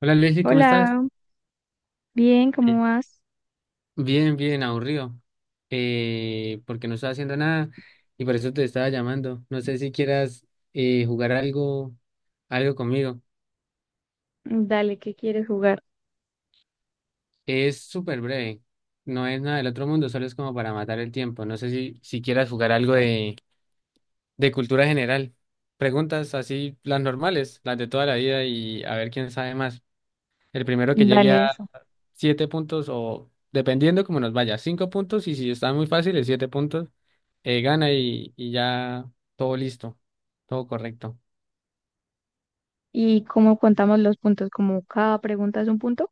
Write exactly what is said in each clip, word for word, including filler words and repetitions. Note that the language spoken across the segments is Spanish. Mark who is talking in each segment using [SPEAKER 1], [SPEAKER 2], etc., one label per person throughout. [SPEAKER 1] Hola Leslie, ¿cómo estás?
[SPEAKER 2] Hola, bien,
[SPEAKER 1] Eh,
[SPEAKER 2] ¿cómo vas?
[SPEAKER 1] Bien, bien, aburrido. Eh, porque no estaba haciendo nada y por eso te estaba llamando. No sé si quieras eh, jugar algo, algo conmigo.
[SPEAKER 2] Dale, ¿qué quieres jugar?
[SPEAKER 1] Es súper breve, no es nada del otro mundo, solo es como para matar el tiempo. No sé si, si quieras jugar algo de, de cultura general. Preguntas así, las normales, las de toda la vida y a ver quién sabe más. El primero que llegue
[SPEAKER 2] Dale
[SPEAKER 1] a
[SPEAKER 2] eso.
[SPEAKER 1] siete puntos o dependiendo cómo nos vaya, cinco puntos, y si está muy fácil, es siete puntos, eh, gana y, y ya todo listo, todo correcto.
[SPEAKER 2] ¿Y cómo contamos los puntos? Como cada pregunta es un punto.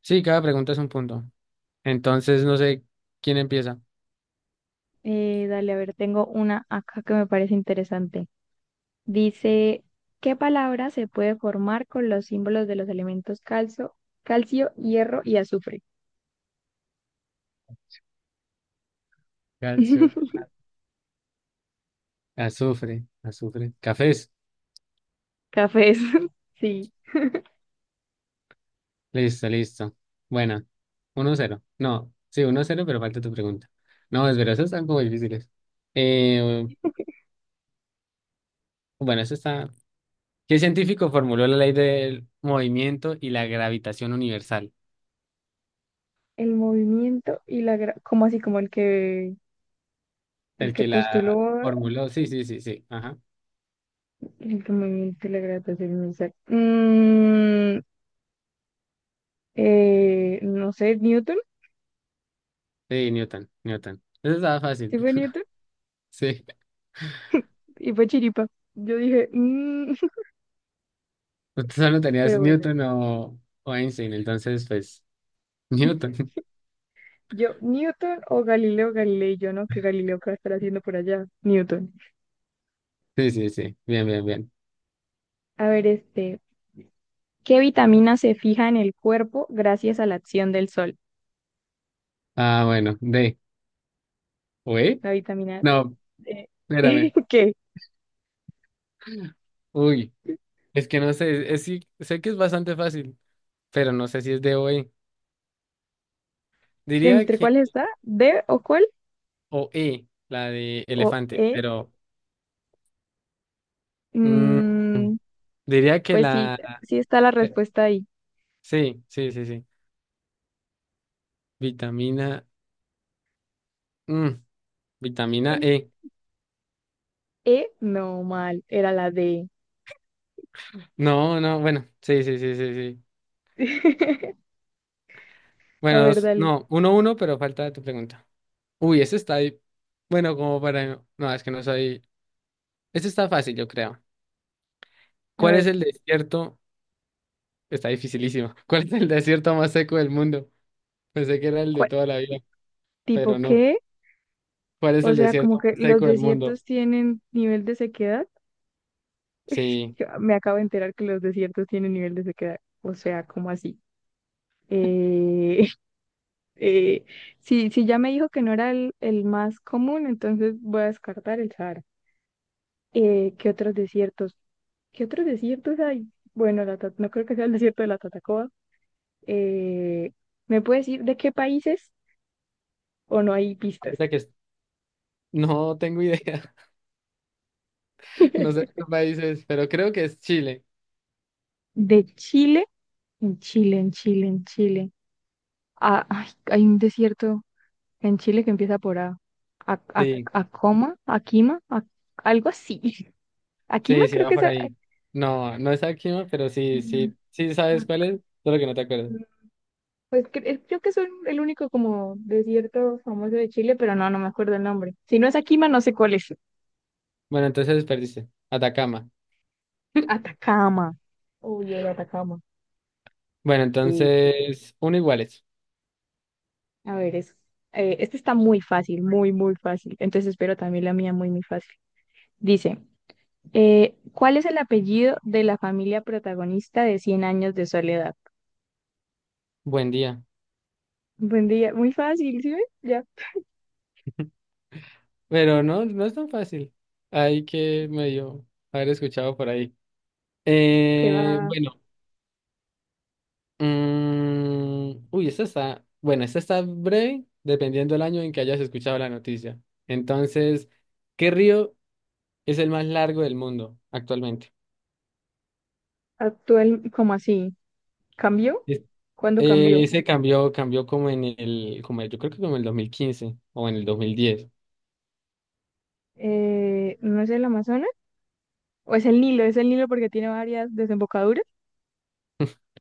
[SPEAKER 1] Sí, cada pregunta es un punto. Entonces, no sé quién empieza.
[SPEAKER 2] Eh, dale, a ver, tengo una acá que me parece interesante. Dice, ¿qué palabra se puede formar con los símbolos de los elementos calcio, calcio, hierro y azufre?
[SPEAKER 1] Calcio, azufre, azufre, cafés.
[SPEAKER 2] Cafés. Sí,
[SPEAKER 1] Listo, listo. Bueno, uno cero. No, sí, uno cero, pero falta tu pregunta. No, es verdad, esas están como difíciles. Eh, bueno, eso está. ¿Qué científico formuló la ley del movimiento y la gravitación universal?
[SPEAKER 2] el movimiento y la gra- como así como el que el
[SPEAKER 1] El
[SPEAKER 2] que
[SPEAKER 1] que la
[SPEAKER 2] postuló
[SPEAKER 1] formuló, sí, sí, sí, sí, ajá.
[SPEAKER 2] el que movimiento y la gravitación universal. Mm, eh, no sé, Newton,
[SPEAKER 1] Sí, Newton, Newton. Eso estaba fácil.
[SPEAKER 2] sí fue Newton,
[SPEAKER 1] Sí,
[SPEAKER 2] y fue Chiripa. Yo dije, "Mm",
[SPEAKER 1] usted solo tenías
[SPEAKER 2] pero bueno,
[SPEAKER 1] Newton o, o Einstein, entonces, pues, Newton.
[SPEAKER 2] yo, Newton o Galileo Galilei, yo no, que Galileo qué va a estar haciendo por allá, Newton.
[SPEAKER 1] Sí, sí, sí, bien, bien, bien.
[SPEAKER 2] A ver, este, ¿qué vitamina se fija en el cuerpo gracias a la acción del sol?
[SPEAKER 1] Ah, bueno, D. ¿O E?
[SPEAKER 2] La vitamina
[SPEAKER 1] No,
[SPEAKER 2] D.
[SPEAKER 1] espérame.
[SPEAKER 2] ¿Qué?
[SPEAKER 1] Uy, es que no sé, es, sí, sé que es bastante fácil, pero no sé si es D o E. Diría
[SPEAKER 2] ¿Entre
[SPEAKER 1] que
[SPEAKER 2] cuál está? ¿D o cuál?
[SPEAKER 1] o E, la de
[SPEAKER 2] ¿O
[SPEAKER 1] elefante,
[SPEAKER 2] E?
[SPEAKER 1] pero mm,
[SPEAKER 2] Mm,
[SPEAKER 1] diría que
[SPEAKER 2] pues sí,
[SPEAKER 1] la...
[SPEAKER 2] sí está la
[SPEAKER 1] eh,
[SPEAKER 2] respuesta ahí.
[SPEAKER 1] sí, sí, sí, sí. Vitamina. Mm, vitamina E.
[SPEAKER 2] E, no, mal, era la D.
[SPEAKER 1] No, no, bueno, sí, sí, sí, sí, sí.
[SPEAKER 2] A
[SPEAKER 1] Bueno,
[SPEAKER 2] ver,
[SPEAKER 1] dos,
[SPEAKER 2] dale.
[SPEAKER 1] no, uno, uno, pero falta tu pregunta. Uy, ese está ahí. Bueno, como para... No, es que no soy... Este está fácil, yo creo.
[SPEAKER 2] A
[SPEAKER 1] ¿Cuál es
[SPEAKER 2] ver,
[SPEAKER 1] el desierto? Está dificilísimo. ¿Cuál es el desierto más seco del mundo? Pensé que era el de
[SPEAKER 2] Cué-
[SPEAKER 1] toda la vida, pero
[SPEAKER 2] ¿tipo
[SPEAKER 1] no.
[SPEAKER 2] qué?
[SPEAKER 1] ¿Cuál es
[SPEAKER 2] O
[SPEAKER 1] el
[SPEAKER 2] sea, como
[SPEAKER 1] desierto
[SPEAKER 2] que
[SPEAKER 1] más
[SPEAKER 2] los
[SPEAKER 1] seco del mundo?
[SPEAKER 2] desiertos tienen nivel de sequedad.
[SPEAKER 1] Sí,
[SPEAKER 2] Yo me acabo de enterar que los desiertos tienen nivel de sequedad. ¿O sea, como así? Eh, eh, si, si ya me dijo que no era el, el más común, entonces voy a descartar el Sahara. Eh, ¿qué otros desiertos? ¿Qué otros desiertos hay? Bueno, la Ta- no creo que sea el desierto de la Tatacoa. Eh, ¿me puedes decir de qué países o no hay pistas?
[SPEAKER 1] ahorita que... es- no tengo idea. No sé qué países, pero creo que es Chile.
[SPEAKER 2] ¿De Chile? En Chile, en Chile, en Chile. Ah, ay, hay un desierto en Chile que empieza por A. A, a,
[SPEAKER 1] Sí.
[SPEAKER 2] Acoma, Aquima, a- algo así. Aquima
[SPEAKER 1] Sí, sí,
[SPEAKER 2] creo
[SPEAKER 1] va
[SPEAKER 2] que es...
[SPEAKER 1] por
[SPEAKER 2] a-
[SPEAKER 1] ahí. No, no es Akima, pero sí,
[SPEAKER 2] Aquima,
[SPEAKER 1] sí, sí sabes cuál
[SPEAKER 2] Acoma.
[SPEAKER 1] es, solo que no te acuerdas.
[SPEAKER 2] Pues cre- eh, creo que es un- el único como desierto famoso de Chile, pero no, no me acuerdo el nombre. Si no es Aquima, no sé cuál es.
[SPEAKER 1] Bueno, entonces perdiste. Atacama.
[SPEAKER 2] Atacama. Uy, yo de Atacama.
[SPEAKER 1] Bueno,
[SPEAKER 2] Sí.
[SPEAKER 1] entonces, uno iguales.
[SPEAKER 2] A ver, es, eh, este está muy fácil, muy, muy fácil. Entonces espero también la mía muy, muy fácil. Dice. Eh, ¿cuál es el apellido de la familia protagonista de Cien años de soledad?
[SPEAKER 1] Buen día.
[SPEAKER 2] Buen día, muy fácil, ¿sí ves? Ya
[SPEAKER 1] Pero no, no es tan fácil. Hay que medio haber escuchado por ahí.
[SPEAKER 2] que
[SPEAKER 1] Eh,
[SPEAKER 2] va
[SPEAKER 1] bueno, mm, uy, esta está, bueno, esta está breve, dependiendo del año en que hayas escuchado la noticia. Entonces, ¿qué río es el más largo del mundo actualmente?
[SPEAKER 2] actual, ¿cómo así? ¿Cambió? ¿Cuándo cambió?
[SPEAKER 1] Eh, se cambió, cambió como en el, como yo creo que como en el dos mil quince o en el dos mil diez.
[SPEAKER 2] Eh, ¿no es el Amazonas? ¿O es el Nilo? ¿Es el Nilo porque tiene varias desembocaduras?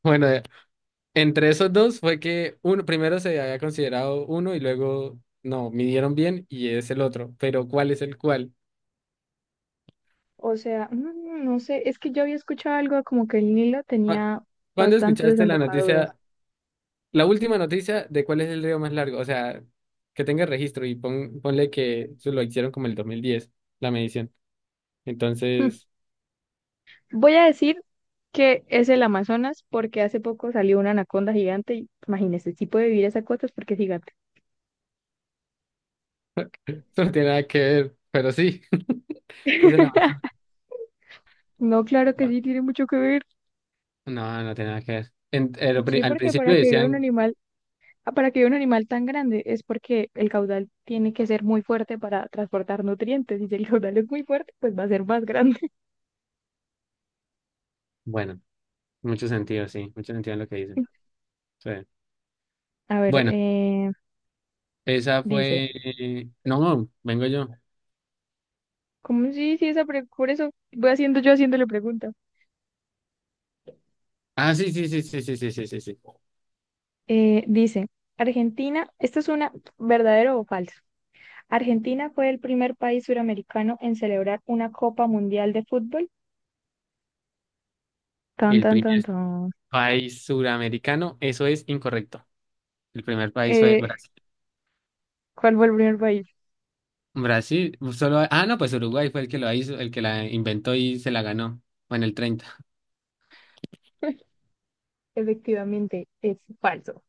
[SPEAKER 1] Bueno, eh, entre esos dos fue que uno, primero se había considerado uno y luego no, midieron bien y es el otro. Pero ¿cuál es el cuál?
[SPEAKER 2] O sea, no, no no sé, es que yo había escuchado algo como que el Nilo
[SPEAKER 1] Cu-
[SPEAKER 2] tenía
[SPEAKER 1] ¿cuándo
[SPEAKER 2] bastantes
[SPEAKER 1] escuchaste la
[SPEAKER 2] desembocaduras.
[SPEAKER 1] noticia, la última noticia de cuál es el río más largo? O sea, que tenga registro y pon- ponle que eso lo hicieron como el dos mil diez, la medición.
[SPEAKER 2] Hmm.
[SPEAKER 1] Entonces,
[SPEAKER 2] Voy a decir que es el Amazonas porque hace poco salió una anaconda gigante y imagínese, si puede vivir esas cosas porque es gigante.
[SPEAKER 1] eso no tiene nada que ver, pero sí, sí se la...
[SPEAKER 2] No, claro que sí, tiene mucho que ver.
[SPEAKER 1] No, no tiene nada que ver. En- eh, lo pri-
[SPEAKER 2] Sí,
[SPEAKER 1] al
[SPEAKER 2] porque
[SPEAKER 1] principio
[SPEAKER 2] para que viva un
[SPEAKER 1] decían,
[SPEAKER 2] animal, ah, para que viva un animal tan grande es porque el caudal tiene que ser muy fuerte para transportar nutrientes. Y si el caudal es muy fuerte, pues va a ser más grande.
[SPEAKER 1] bueno, mucho sentido, sí, mucho sentido en lo que dicen. Sí.
[SPEAKER 2] A ver,
[SPEAKER 1] Bueno,
[SPEAKER 2] eh,
[SPEAKER 1] esa
[SPEAKER 2] dice,
[SPEAKER 1] fue. No, no, vengo yo.
[SPEAKER 2] ¿cómo sí, sí, esa pre- por eso voy haciendo yo haciéndole pregunta.
[SPEAKER 1] Ah, sí, sí, sí, sí, sí, sí, sí, sí, sí.
[SPEAKER 2] Eh, dice, Argentina, esto es una, ¿verdadero o falso? Argentina fue el primer país suramericano en celebrar una Copa Mundial de Fútbol. Tan,
[SPEAKER 1] El
[SPEAKER 2] tan,
[SPEAKER 1] primer
[SPEAKER 2] tan, tan.
[SPEAKER 1] país suramericano, eso es incorrecto. El primer país fue
[SPEAKER 2] Eh,
[SPEAKER 1] Brasil.
[SPEAKER 2] ¿cuál fue el primer país?
[SPEAKER 1] Brasil, solo. Ah, no, pues Uruguay fue el que lo hizo, el que la inventó y se la ganó. Bueno, el treinta.
[SPEAKER 2] Efectivamente, es falso.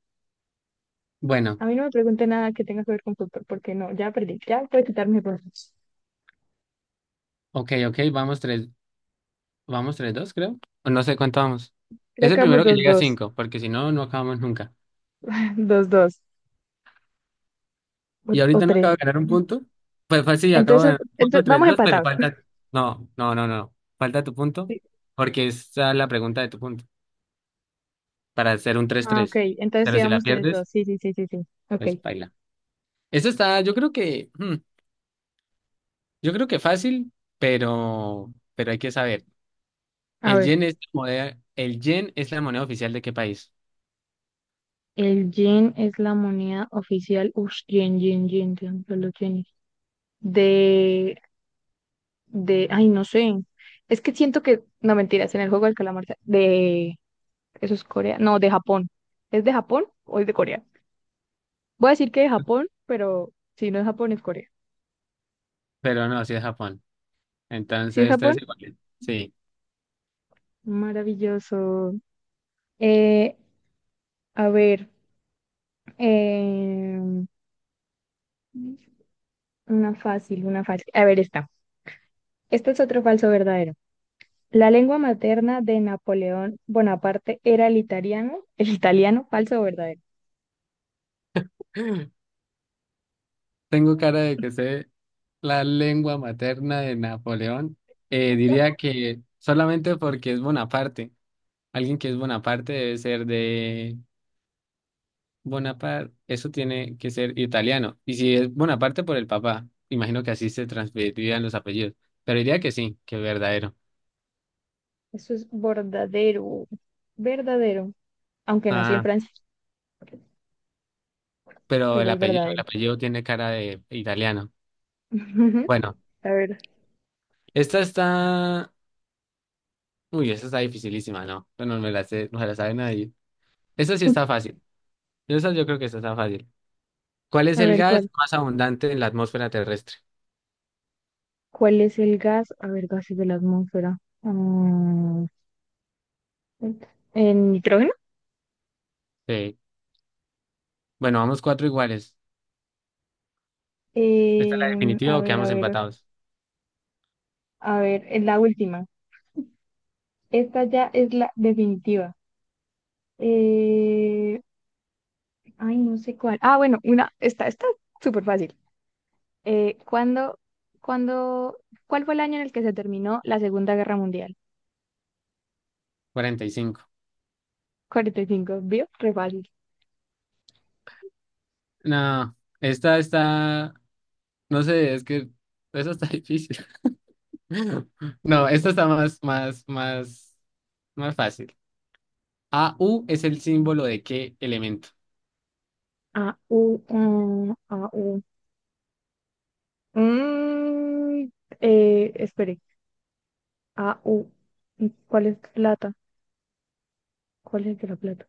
[SPEAKER 1] Bueno,
[SPEAKER 2] A mí no me pregunte nada que tenga que ver con fútbol, porque no, ya perdí, ya puede quitarme puntos.
[SPEAKER 1] ok, ok, vamos tres, vamos tres, dos, creo. O no sé cuánto vamos. Es
[SPEAKER 2] Creo
[SPEAKER 1] el
[SPEAKER 2] que vamos
[SPEAKER 1] primero que
[SPEAKER 2] dos
[SPEAKER 1] llega a
[SPEAKER 2] dos,
[SPEAKER 1] cinco, porque si no, no acabamos nunca.
[SPEAKER 2] dos dos o,
[SPEAKER 1] Y
[SPEAKER 2] o
[SPEAKER 1] ahorita no
[SPEAKER 2] tres.
[SPEAKER 1] acabo de ganar un punto. Pues fácil sí, acabo de
[SPEAKER 2] Entonces,
[SPEAKER 1] ganar un
[SPEAKER 2] entonces,
[SPEAKER 1] punto, tres
[SPEAKER 2] vamos
[SPEAKER 1] dos, pero
[SPEAKER 2] empatados.
[SPEAKER 1] falta. No, no, no, no. Falta tu punto,
[SPEAKER 2] Sí.
[SPEAKER 1] porque esa es la pregunta de tu punto, para hacer un tres
[SPEAKER 2] Ah, ok,
[SPEAKER 1] tres.
[SPEAKER 2] entonces
[SPEAKER 1] Pero
[SPEAKER 2] sí
[SPEAKER 1] si la
[SPEAKER 2] vamos
[SPEAKER 1] pierdes,
[SPEAKER 2] tres dos, sí, sí, sí, sí, sí. Ok,
[SPEAKER 1] pues baila. Eso está, yo creo que, hmm, yo creo que fácil, pero, pero hay que saber.
[SPEAKER 2] a
[SPEAKER 1] El
[SPEAKER 2] ver,
[SPEAKER 1] yen es la moneda, el yen es la moneda oficial de qué país,
[SPEAKER 2] el yen es la moneda oficial, ush, yen, yen, yen, yen, los yenes. De, de, ay, no sé, es que siento que, no mentiras, en el juego del calamar, de... Eso es Corea. No, de Japón. ¿Es de Japón o es de Corea? Voy a decir que de Japón, pero si no es Japón, es Corea.
[SPEAKER 1] pero no, sí es Japón.
[SPEAKER 2] Si es
[SPEAKER 1] Entonces,
[SPEAKER 2] Japón,
[SPEAKER 1] tres iguales. Sí.
[SPEAKER 2] maravilloso. Eh, a ver, eh, una fácil, una fácil. A ver, esta. Este es otro falso verdadero. La lengua materna de Napoleón Bonaparte era el italiano. El italiano, falso o verdadero.
[SPEAKER 1] Tengo cara de que sé la lengua materna de Napoleón, eh, diría que solamente porque es Bonaparte. Alguien que es Bonaparte debe ser de Bonaparte, eso tiene que ser italiano. Y si es Bonaparte por el papá, imagino que así se transmitirían los apellidos. Pero diría que sí, que es verdadero.
[SPEAKER 2] Eso es verdadero. Verdadero. Aunque nació en
[SPEAKER 1] Ah,
[SPEAKER 2] Francia,
[SPEAKER 1] pero
[SPEAKER 2] pero
[SPEAKER 1] el
[SPEAKER 2] es
[SPEAKER 1] apellido, el
[SPEAKER 2] verdadero.
[SPEAKER 1] apellido tiene cara de italiano. Bueno,
[SPEAKER 2] A ver,
[SPEAKER 1] esta está, uy, esta está dificilísima, ¿no? Bueno, no me la sé, no se la sabe nadie. Esta sí está fácil. Esta yo creo que esta está fácil. ¿Cuál es
[SPEAKER 2] a
[SPEAKER 1] el
[SPEAKER 2] ver
[SPEAKER 1] gas
[SPEAKER 2] cuál.
[SPEAKER 1] más abundante en la atmósfera terrestre?
[SPEAKER 2] ¿Cuál es el gas? A ver, gases de la atmósfera. Ah, ¿el nitrógeno?
[SPEAKER 1] Sí. Bueno, vamos cuatro iguales. ¿Esta es la
[SPEAKER 2] Em,
[SPEAKER 1] definitiva
[SPEAKER 2] a
[SPEAKER 1] o
[SPEAKER 2] ver, a
[SPEAKER 1] quedamos
[SPEAKER 2] ver,
[SPEAKER 1] empatados?
[SPEAKER 2] a ver, es la última. Esta ya es la definitiva. Eh, ay, no sé cuál. Ah, bueno, una, esta está súper fácil. Eh, ¿cuándo, cuándo, cuál fue el año en el que se terminó la Segunda Guerra Mundial?
[SPEAKER 1] Cuarenta y cinco.
[SPEAKER 2] cuarenta y cinco, ¿vio? Re fácil.
[SPEAKER 1] No, esta está, no sé, es que esa está difícil. No, esta está más, más, más, más fácil. A U es el símbolo de qué elemento.
[SPEAKER 2] A, U, mm, A, U. Mm, eh, espere, A, U. ¿Y ¿cuál es plata? ¿Cuál es de la plata?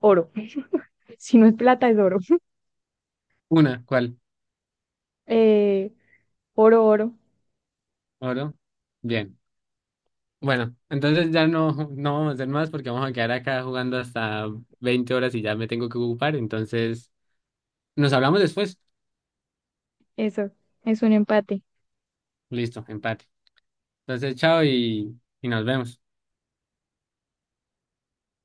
[SPEAKER 2] Oro. Si no es plata, es oro.
[SPEAKER 1] Una, ¿cuál?
[SPEAKER 2] Eh, oro, oro.
[SPEAKER 1] Oro. Bien. Bueno, entonces ya no, no vamos a hacer más porque vamos a quedar acá jugando hasta veinte horas y ya me tengo que ocupar. Entonces, nos hablamos después.
[SPEAKER 2] Eso. Es un empate.
[SPEAKER 1] Listo, empate. Entonces, chao y, y nos vemos.